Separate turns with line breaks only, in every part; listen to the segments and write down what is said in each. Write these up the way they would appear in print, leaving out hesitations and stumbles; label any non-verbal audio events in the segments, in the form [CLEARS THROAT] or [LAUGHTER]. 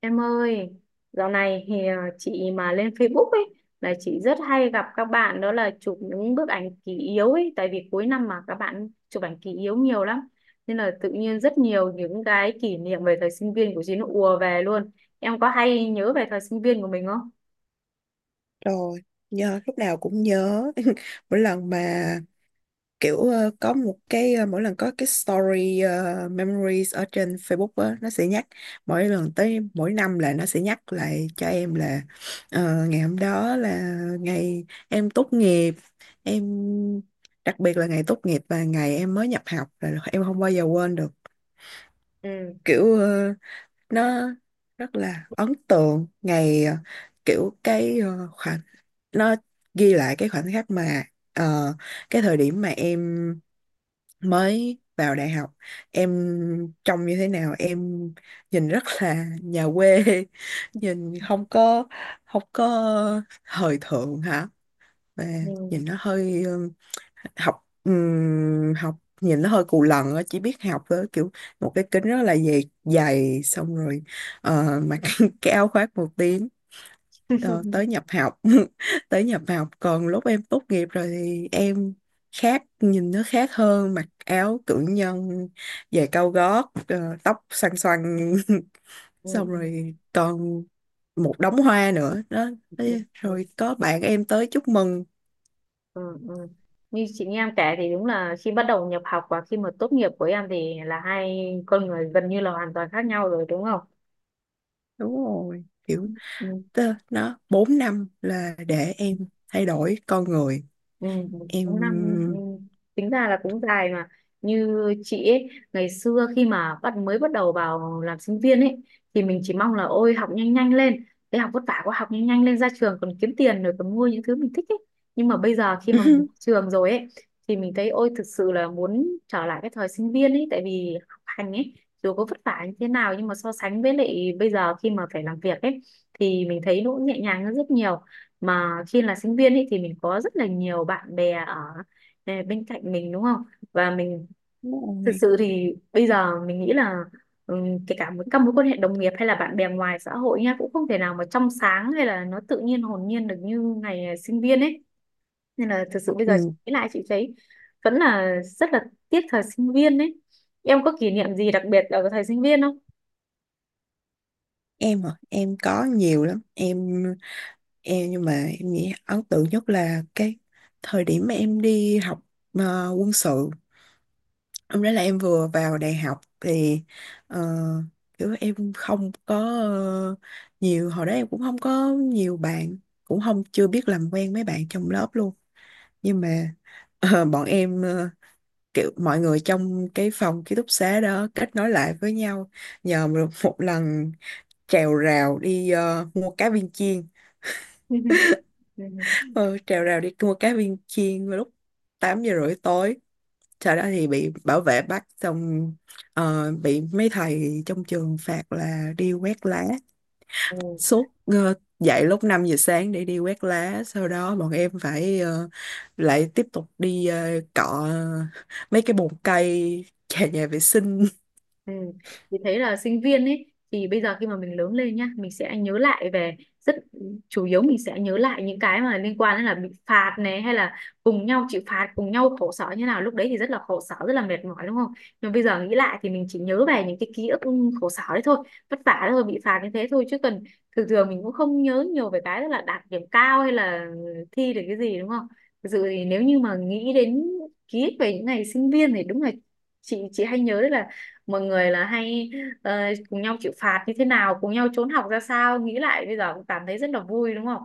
Em ơi, dạo này thì chị mà lên Facebook ấy là chị rất hay gặp các bạn, đó là chụp những bức ảnh kỷ yếu ấy, tại vì cuối năm mà các bạn chụp ảnh kỷ yếu nhiều lắm. Nên là tự nhiên rất nhiều những cái kỷ niệm về thời sinh viên của chị nó ùa về luôn. Em có hay nhớ về thời sinh viên của mình không?
Rồi, nhớ lúc nào cũng nhớ. [LAUGHS] Mỗi lần mà kiểu có một cái mỗi lần có cái story memories ở trên Facebook á nó sẽ nhắc mỗi lần tới mỗi năm là nó sẽ nhắc lại cho em là ngày hôm đó là ngày em tốt nghiệp. Em đặc biệt là ngày tốt nghiệp và ngày em mới nhập học là em không bao giờ quên được.
Ừ.
Kiểu nó rất là ấn tượng ngày kiểu cái khoảng nó ghi lại cái khoảnh khắc mà ờ, cái thời điểm mà em mới vào đại học, em trông như thế nào, em nhìn rất là nhà quê, [LAUGHS] nhìn không có thời thượng hả, và
Ừ.
nhìn nó hơi học học nhìn nó hơi cù lần á, chỉ biết học với kiểu một cái kính rất là dày dày, xong rồi mặc [LAUGHS] cái áo khoác một tí. Ờ,
[LAUGHS]
Tới nhập học. [LAUGHS] Tới nhập học, còn lúc em tốt nghiệp rồi thì em khác, nhìn nó khác hơn, mặc áo cử nhân, giày cao gót, tóc xoăn xoăn, [LAUGHS]
Ừ.
xong rồi còn một đống hoa nữa đó.
Ừ.
Thế
Ừ.
rồi có bạn em tới chúc mừng.
Ừ. Ừ. Như chị nghe em kể thì đúng là khi bắt đầu nhập học và khi mà tốt nghiệp của em thì là hai con người gần như là hoàn toàn khác nhau rồi, đúng không?
Đúng rồi, kiểu
Ừ.
nó 4 năm là để em thay đổi con người
Ừ, 4
em.
tính ra là cũng dài. Mà như chị ấy, ngày xưa khi mà mới bắt đầu vào làm sinh viên ấy thì mình chỉ mong là ôi học nhanh nhanh lên, cái học vất vả quá, học nhanh nhanh lên ra trường còn kiếm tiền, rồi còn mua những thứ mình thích ấy. Nhưng mà bây giờ khi mà mình ra
[LAUGHS]
trường rồi ấy thì mình thấy ôi thực sự là muốn trở lại cái thời sinh viên ấy, tại vì học hành ấy, dù có vất vả như thế nào nhưng mà so sánh với lại bây giờ khi mà phải làm việc ấy thì mình thấy nó cũng nhẹ nhàng hơn rất nhiều. Mà khi là sinh viên ấy thì mình có rất là nhiều bạn bè ở bên cạnh mình, đúng không? Và mình
Đúng
thực
rồi.
sự thì bây giờ mình nghĩ là, kể cả một các mối quan hệ đồng nghiệp hay là bạn bè ngoài xã hội nha, cũng không thể nào mà trong sáng hay là nó tự nhiên hồn nhiên được như ngày sinh viên ấy. Nên là thực sự bây giờ
Ừ.
nghĩ lại chị thấy vẫn là rất là tiếc thời sinh viên ấy. Em có kỷ niệm gì đặc biệt ở thời sinh viên không?
Em hả? Em có nhiều lắm em. Nhưng mà em nghĩ ấn tượng nhất là cái thời điểm mà em đi học quân sự. Hôm đó là em vừa vào đại học thì ờ, kiểu em không có nhiều, hồi đó em cũng không có nhiều bạn, cũng không, chưa biết làm quen mấy bạn trong lớp luôn, nhưng mà bọn em kiểu mọi người trong cái phòng ký túc xá đó kết nối lại với nhau nhờ một một lần trèo rào đi mua cá viên chiên.
[LAUGHS]
Ờ, Trèo rào đi mua cá viên chiên vào lúc 8 giờ rưỡi tối, sau đó thì bị bảo vệ bắt, xong bị mấy thầy trong trường phạt là đi quét lá
Ừ. Ừ.
suốt, dậy lúc 5 giờ sáng để đi quét lá, sau đó bọn em phải lại tiếp tục đi cọ mấy cái bồn cây, nhà nhà vệ sinh.
Ừ. Thì thấy là sinh viên ấy thì bây giờ khi mà mình lớn lên nhá, mình sẽ nhớ lại về rất, chủ yếu mình sẽ nhớ lại những cái mà liên quan đến là bị phạt này, hay là cùng nhau chịu phạt, cùng nhau khổ sở như nào. Lúc đấy thì rất là khổ sở, rất là mệt mỏi, đúng không? Nhưng bây giờ nghĩ lại thì mình chỉ nhớ về những cái ký ức khổ sở đấy thôi, vất vả đấy thôi, bị phạt như thế thôi, chứ cần, thường thường mình cũng không nhớ nhiều về cái tức là đạt điểm cao hay là thi được cái gì, đúng không? Thực sự thì nếu như mà nghĩ đến ký ức về những ngày sinh viên thì đúng là chị hay nhớ đấy là mọi người là hay ờ, cùng nhau chịu phạt như thế nào, cùng nhau trốn học ra sao. Nghĩ lại bây giờ cũng cảm thấy rất là vui, đúng không?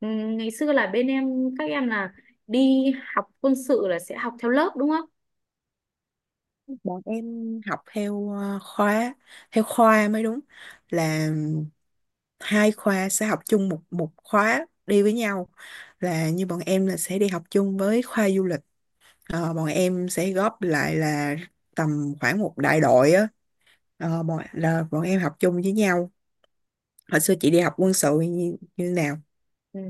Ngày xưa là bên em các em là đi học quân sự là sẽ học theo lớp, đúng không?
Bọn em học theo khóa, theo khoa mới đúng, là 2 khoa sẽ học chung một một khóa đi với nhau, là như bọn em là sẽ đi học chung với khoa du lịch. Bọn em sẽ góp lại là tầm khoảng một đại đội á. Là bọn em học chung với nhau. Hồi xưa chị đi học quân sự như nào?
Ừ.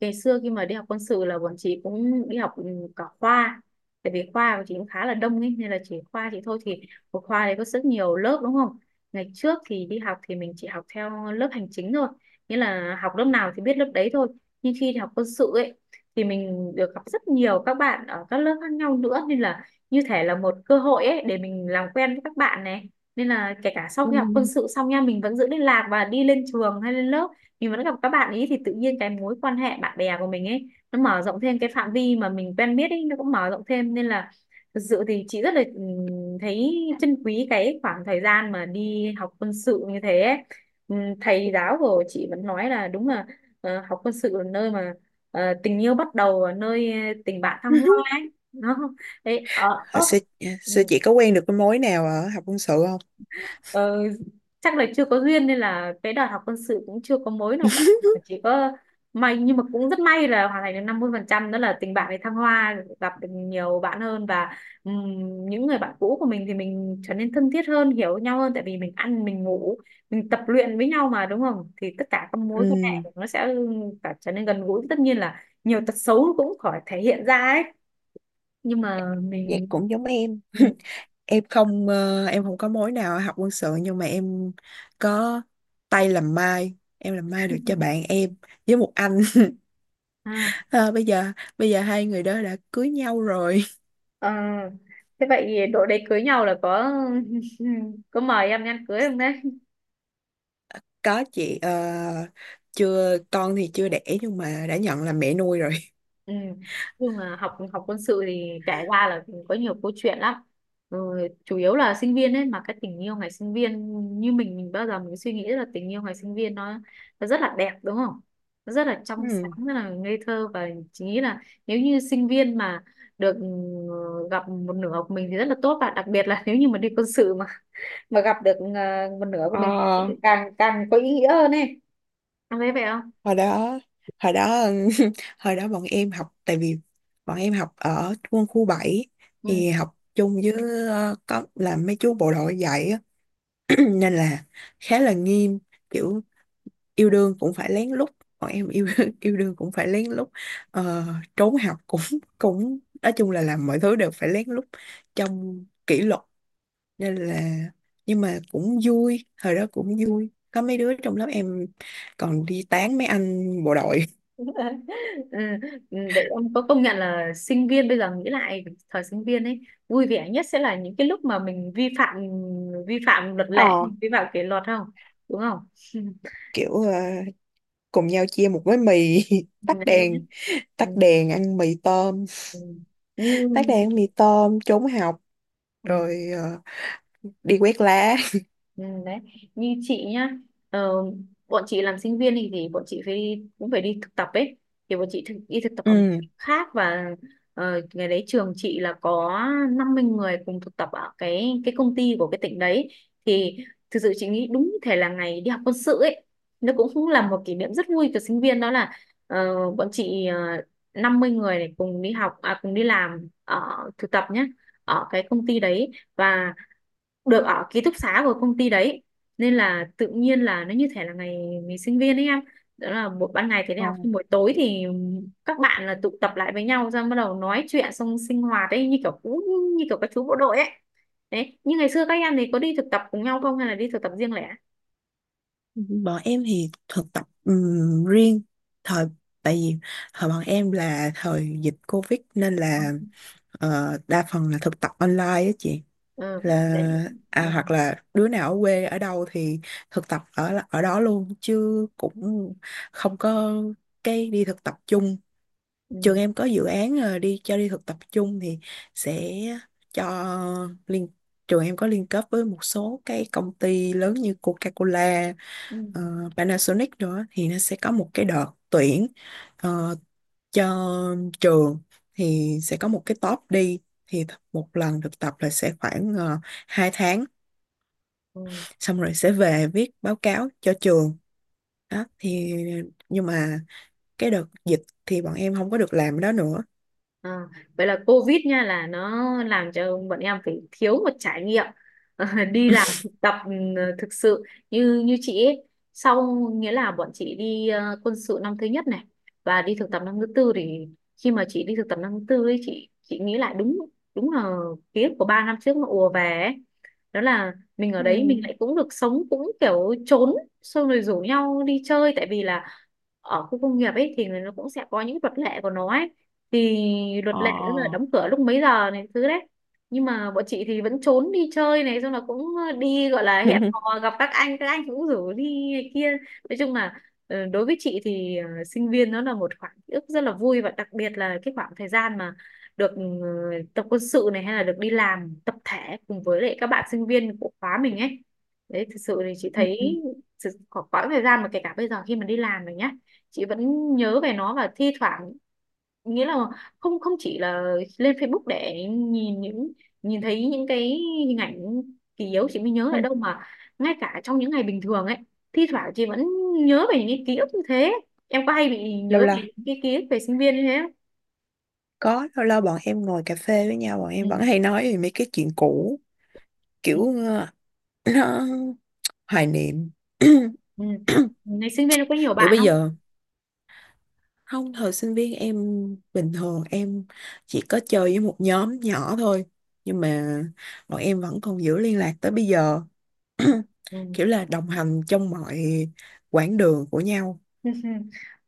Ngày xưa khi mà đi học quân sự là bọn chị cũng đi học cả khoa, tại vì khoa của chị cũng khá là đông ấy nên là chỉ khoa chị thôi thì một khoa đấy có rất nhiều lớp, đúng không? Ngày trước thì đi học thì mình chỉ học theo lớp hành chính thôi, nghĩa là học lớp nào thì biết lớp đấy thôi. Nhưng khi đi học quân sự ấy thì mình được gặp rất nhiều các bạn ở các lớp khác nhau nữa, nên là như thể là một cơ hội ấy để mình làm quen với các bạn này. Nên là kể cả sau
Ừ.
khi học quân sự xong nha, mình vẫn giữ liên lạc và đi lên trường hay lên lớp mình vẫn gặp các bạn ý, thì tự nhiên cái mối quan hệ bạn bè của mình ấy nó mở rộng thêm, cái phạm vi mà mình quen biết ấy nó cũng mở rộng thêm. Nên là thực sự thì chị rất là thấy trân quý cái khoảng thời gian mà đi học quân sự như thế ấy. Thầy giáo của chị vẫn nói là đúng là học quân sự là nơi mà tình yêu bắt đầu và nơi tình bạn thăng hoa
[LAUGHS]
ấy, nó đấy. Ờ ơ
hồi xưa,
Ừ.
xưa chị có quen được cái mối nào ở học quân sự không?
Ờ, Chắc là chưa có duyên nên là cái đợt học quân sự cũng chưa có mối nào cả, mà
[LAUGHS]
chỉ có may, nhưng mà cũng rất may là hoàn thành được 50%, đó là tình bạn với thăng hoa gặp được nhiều bạn hơn. Và ừm, những người bạn cũ của mình thì mình trở nên thân thiết hơn, hiểu nhau hơn, tại vì mình ăn mình ngủ mình tập luyện với nhau mà, đúng không? Thì tất cả các mối quan
Ừ.
hệ nó sẽ cả trở nên gần gũi, tất nhiên là nhiều tật xấu cũng khỏi thể hiện ra ấy, nhưng mà
Vậy
mình.
cũng giống em. [LAUGHS] em không ờ, em không có mối nào học quân sự, nhưng mà em có tay làm mai, em làm mai được cho bạn em với một anh. [LAUGHS]
Ừ.
Ờ, bây giờ Bây giờ 2 người đó đã cưới nhau rồi.
Ờ, Thế vậy đội đấy cưới nhau là có [LAUGHS] có mời em đi ăn cưới không đấy?
[LAUGHS] Có chị. Ờ, Chưa, con thì chưa đẻ nhưng mà đã nhận là mẹ nuôi rồi.
Ừ. Nhưng mà học học quân sự thì kể ra là có nhiều câu chuyện lắm. Ừ, chủ yếu là sinh viên ấy mà cái tình yêu ngày sinh viên, như mình bao giờ mình suy nghĩ là tình yêu ngày sinh viên nó rất là đẹp, đúng không? Nó rất là
[LAUGHS]
trong sáng,
Ừ.
rất là ngây thơ, và chỉ nghĩ là nếu như sinh viên mà được gặp một nửa của mình thì rất là tốt, và đặc biệt là [LAUGHS] nếu như mà đi quân sự mà gặp được một nửa của mình
Ờ,
thì càng càng có ý nghĩa hơn ấy. Em thấy vậy không?
hồi đó Hồi đó [LAUGHS] hồi đó bọn em học, tại vì bọn em học ở quân khu 7,
Ừ.
thì học chung với có làm mấy chú bộ đội dạy á. Ừ, nên là khá là nghiêm, kiểu yêu đương cũng phải lén lút, bọn em yêu [LAUGHS] yêu đương cũng phải lén lút, ờ, trốn học cũng [LAUGHS] cũng nói chung là làm mọi thứ đều phải lén lút trong kỷ luật, nên là, nhưng mà cũng vui, thời đó cũng vui, có mấy đứa trong lớp em còn đi tán mấy anh bộ đội. [LAUGHS]
[LAUGHS] Ừ, ừ, vậy ông có công nhận là sinh viên, bây giờ nghĩ lại thời sinh viên ấy, vui vẻ nhất sẽ là những cái lúc mà mình vi phạm, vi phạm luật lệ,
Ờ,
vi phạm kỷ luật không, đúng không?
Kiểu cùng nhau chia một gói mì, [LAUGHS]
[LAUGHS]
tắt
Đấy.
đèn,
Ừ.
tắt đèn ăn mì tôm,
Ừ. Như,
tắt đèn ăn mì tôm, trốn học,
ừ.
rồi đi quét lá.
Ừ, đấy như chị nhá, ờ, bọn chị làm sinh viên thì, bọn chị phải cũng phải đi thực tập ấy, thì bọn chị đi thực tập ở một
Ừ.
khác. Và ngày đấy trường chị là có 50 cùng thực tập ở cái công ty của cái tỉnh đấy, thì thực sự chị nghĩ đúng như thể là ngày đi học quân sự ấy, nó cũng cũng là một kỷ niệm rất vui của sinh viên. Đó là bọn chị, 50 này cùng cùng đi làm ở thực tập nhá, ở cái công ty đấy, và được ở ký túc xá của công ty đấy. Nên là tự nhiên là nó như thể là ngày ngày sinh viên ấy em. Đó là ban ngày thì đi
Ờ,
học nhưng buổi tối thì các bạn là tụ tập lại với nhau ra bắt đầu nói chuyện xong sinh hoạt ấy, như kiểu các chú bộ đội ấy. Đấy, như ngày xưa các em thì có đi thực tập cùng nhau không hay là đi thực tập riêng lẻ?
Bọn em thì thực tập riêng, thời tại vì thời bọn em là thời dịch Covid nên là đa phần là thực tập online á chị,
Ừ.
là
để-
à,
ừ.
hoặc là đứa nào ở quê ở đâu thì thực tập ở ở đó luôn, chứ cũng không có cái đi thực tập chung. Trường
Ừ.
em có dự án đi cho đi thực tập chung thì sẽ cho liên trường em có liên kết với một số cái công ty lớn như Coca-Cola,
Ừ.
ờ, Panasonic nữa, thì nó sẽ có một cái đợt tuyển ờ, cho trường, thì sẽ có một cái top đi. Thì một lần thực tập là sẽ khoảng 2 tháng,
Ừ.
xong rồi sẽ về viết báo cáo cho trường đó thì, nhưng mà cái đợt dịch thì bọn em không có được làm đó nữa.
Ờ, Vậy là Covid nha là nó làm cho bọn em phải thiếu một trải nghiệm ờ, [LAUGHS] đi làm thực tập thực sự. Như như chị ấy, Sau nghĩa là bọn chị đi quân sự năm thứ nhất này và đi thực tập năm thứ tư. Thì khi mà chị đi thực tập năm thứ tư ấy, chị nghĩ lại, đúng đúng là ký ức của 3 trước nó ùa về ấy. Đó là mình ở
Ừ.
đấy mình lại cũng được sống cũng kiểu trốn xong rồi rủ nhau đi chơi, tại vì là ở khu công nghiệp ấy thì nó cũng sẽ có những luật lệ của nó ấy. Thì luật
Ờ.
lệ đó là đóng cửa lúc mấy giờ này thứ đấy, nhưng mà bọn chị thì vẫn trốn đi chơi này xong là cũng đi gọi là hẹn
[LAUGHS]
hò gặp các anh, các anh cũng rủ đi này kia. Nói chung là đối với chị thì sinh viên nó là một khoảng ký ức rất là vui, và đặc biệt là cái khoảng thời gian mà được tập quân sự này hay là được đi làm tập thể cùng với lại các bạn sinh viên của khóa mình ấy. Đấy thực sự thì chị
Ừ.
thấy
Ừ.
có quãng thời gian mà kể cả bây giờ khi mà đi làm rồi nhá, chị vẫn nhớ về nó. Và thi thoảng nghĩa là không không chỉ là lên Facebook để nhìn thấy những cái hình ảnh kỷ yếu chị mới nhớ
Ừ.
lại đâu, mà ngay cả trong những ngày bình thường ấy thi thoảng chị vẫn nhớ về những cái ký ức như thế. Em có hay bị
Lâu
nhớ
lâu.
về những cái ký ức về sinh viên như thế không?
Có, lâu lâu bọn em ngồi cà phê với nhau, bọn em vẫn hay
Ừ.
nói về mấy cái chuyện cũ, kiểu ờ, [CLEARS THROAT] hoài niệm. [CLEARS THROAT]
Ừ.
[COUGHS]
Ngày sinh viên có nhiều
Thì
bạn
bây
không?
giờ, không, thời sinh viên em, bình thường em chỉ có chơi với một nhóm nhỏ thôi, nhưng mà bọn em vẫn còn giữ liên lạc tới bây giờ. [CLEARS THROAT] [COUGHS]
Ừ.
Kiểu là đồng hành trong mọi quãng đường của nhau.
[LAUGHS]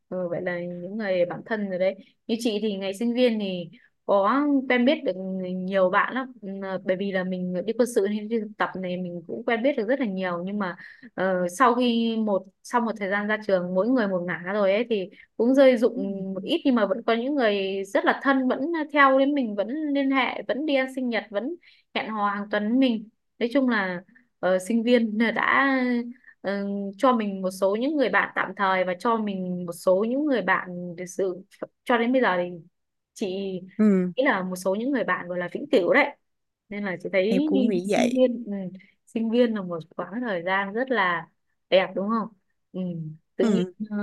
Ừ, vậy là những người bạn thân rồi đấy. Như chị thì ngày sinh viên thì có quen biết được nhiều bạn lắm. Ừ, bởi vì là mình đi quân sự nên đi thực tập này mình cũng quen biết được rất là nhiều, nhưng mà sau khi sau một thời gian ra trường mỗi người một ngả rồi ấy thì cũng rơi rụng một ít, nhưng mà vẫn có những người rất là thân vẫn theo đến mình, vẫn liên hệ, vẫn đi ăn sinh nhật, vẫn hẹn hò hàng tuần với mình. Nói chung là sinh viên đã ờ, cho mình một số những người bạn tạm thời và cho mình một số những người bạn thực sự, cho đến bây giờ thì chị
Ừ,
nghĩ là một số những người bạn gọi là vĩnh cửu đấy. Nên là chị
em
thấy
cũng nghĩ
sinh
vậy.
viên ừ, sinh viên là một quãng thời gian rất là đẹp, đúng không? Ừ. Tự nhiên
Ừ.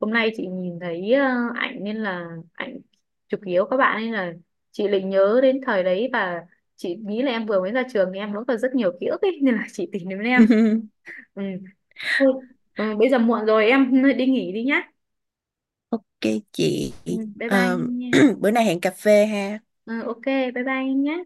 hôm nay chị nhìn thấy ảnh nên là ảnh chụp yếu các bạn nên là chị lại nhớ đến thời đấy, và chị nghĩ là em vừa mới ra trường thì em vẫn còn rất nhiều ký ức ấy [LAUGHS] nên là chị tìm đến em. Ừ. Thôi, ừ, bây giờ muộn rồi em đi nghỉ đi nhá.
[LAUGHS] Ok chị.
Ừ, bye bye
Ờ,
em nha.
[CLEARS THROAT] Bữa nay hẹn cà phê ha.
Ừ, ok, bye bye em nhá.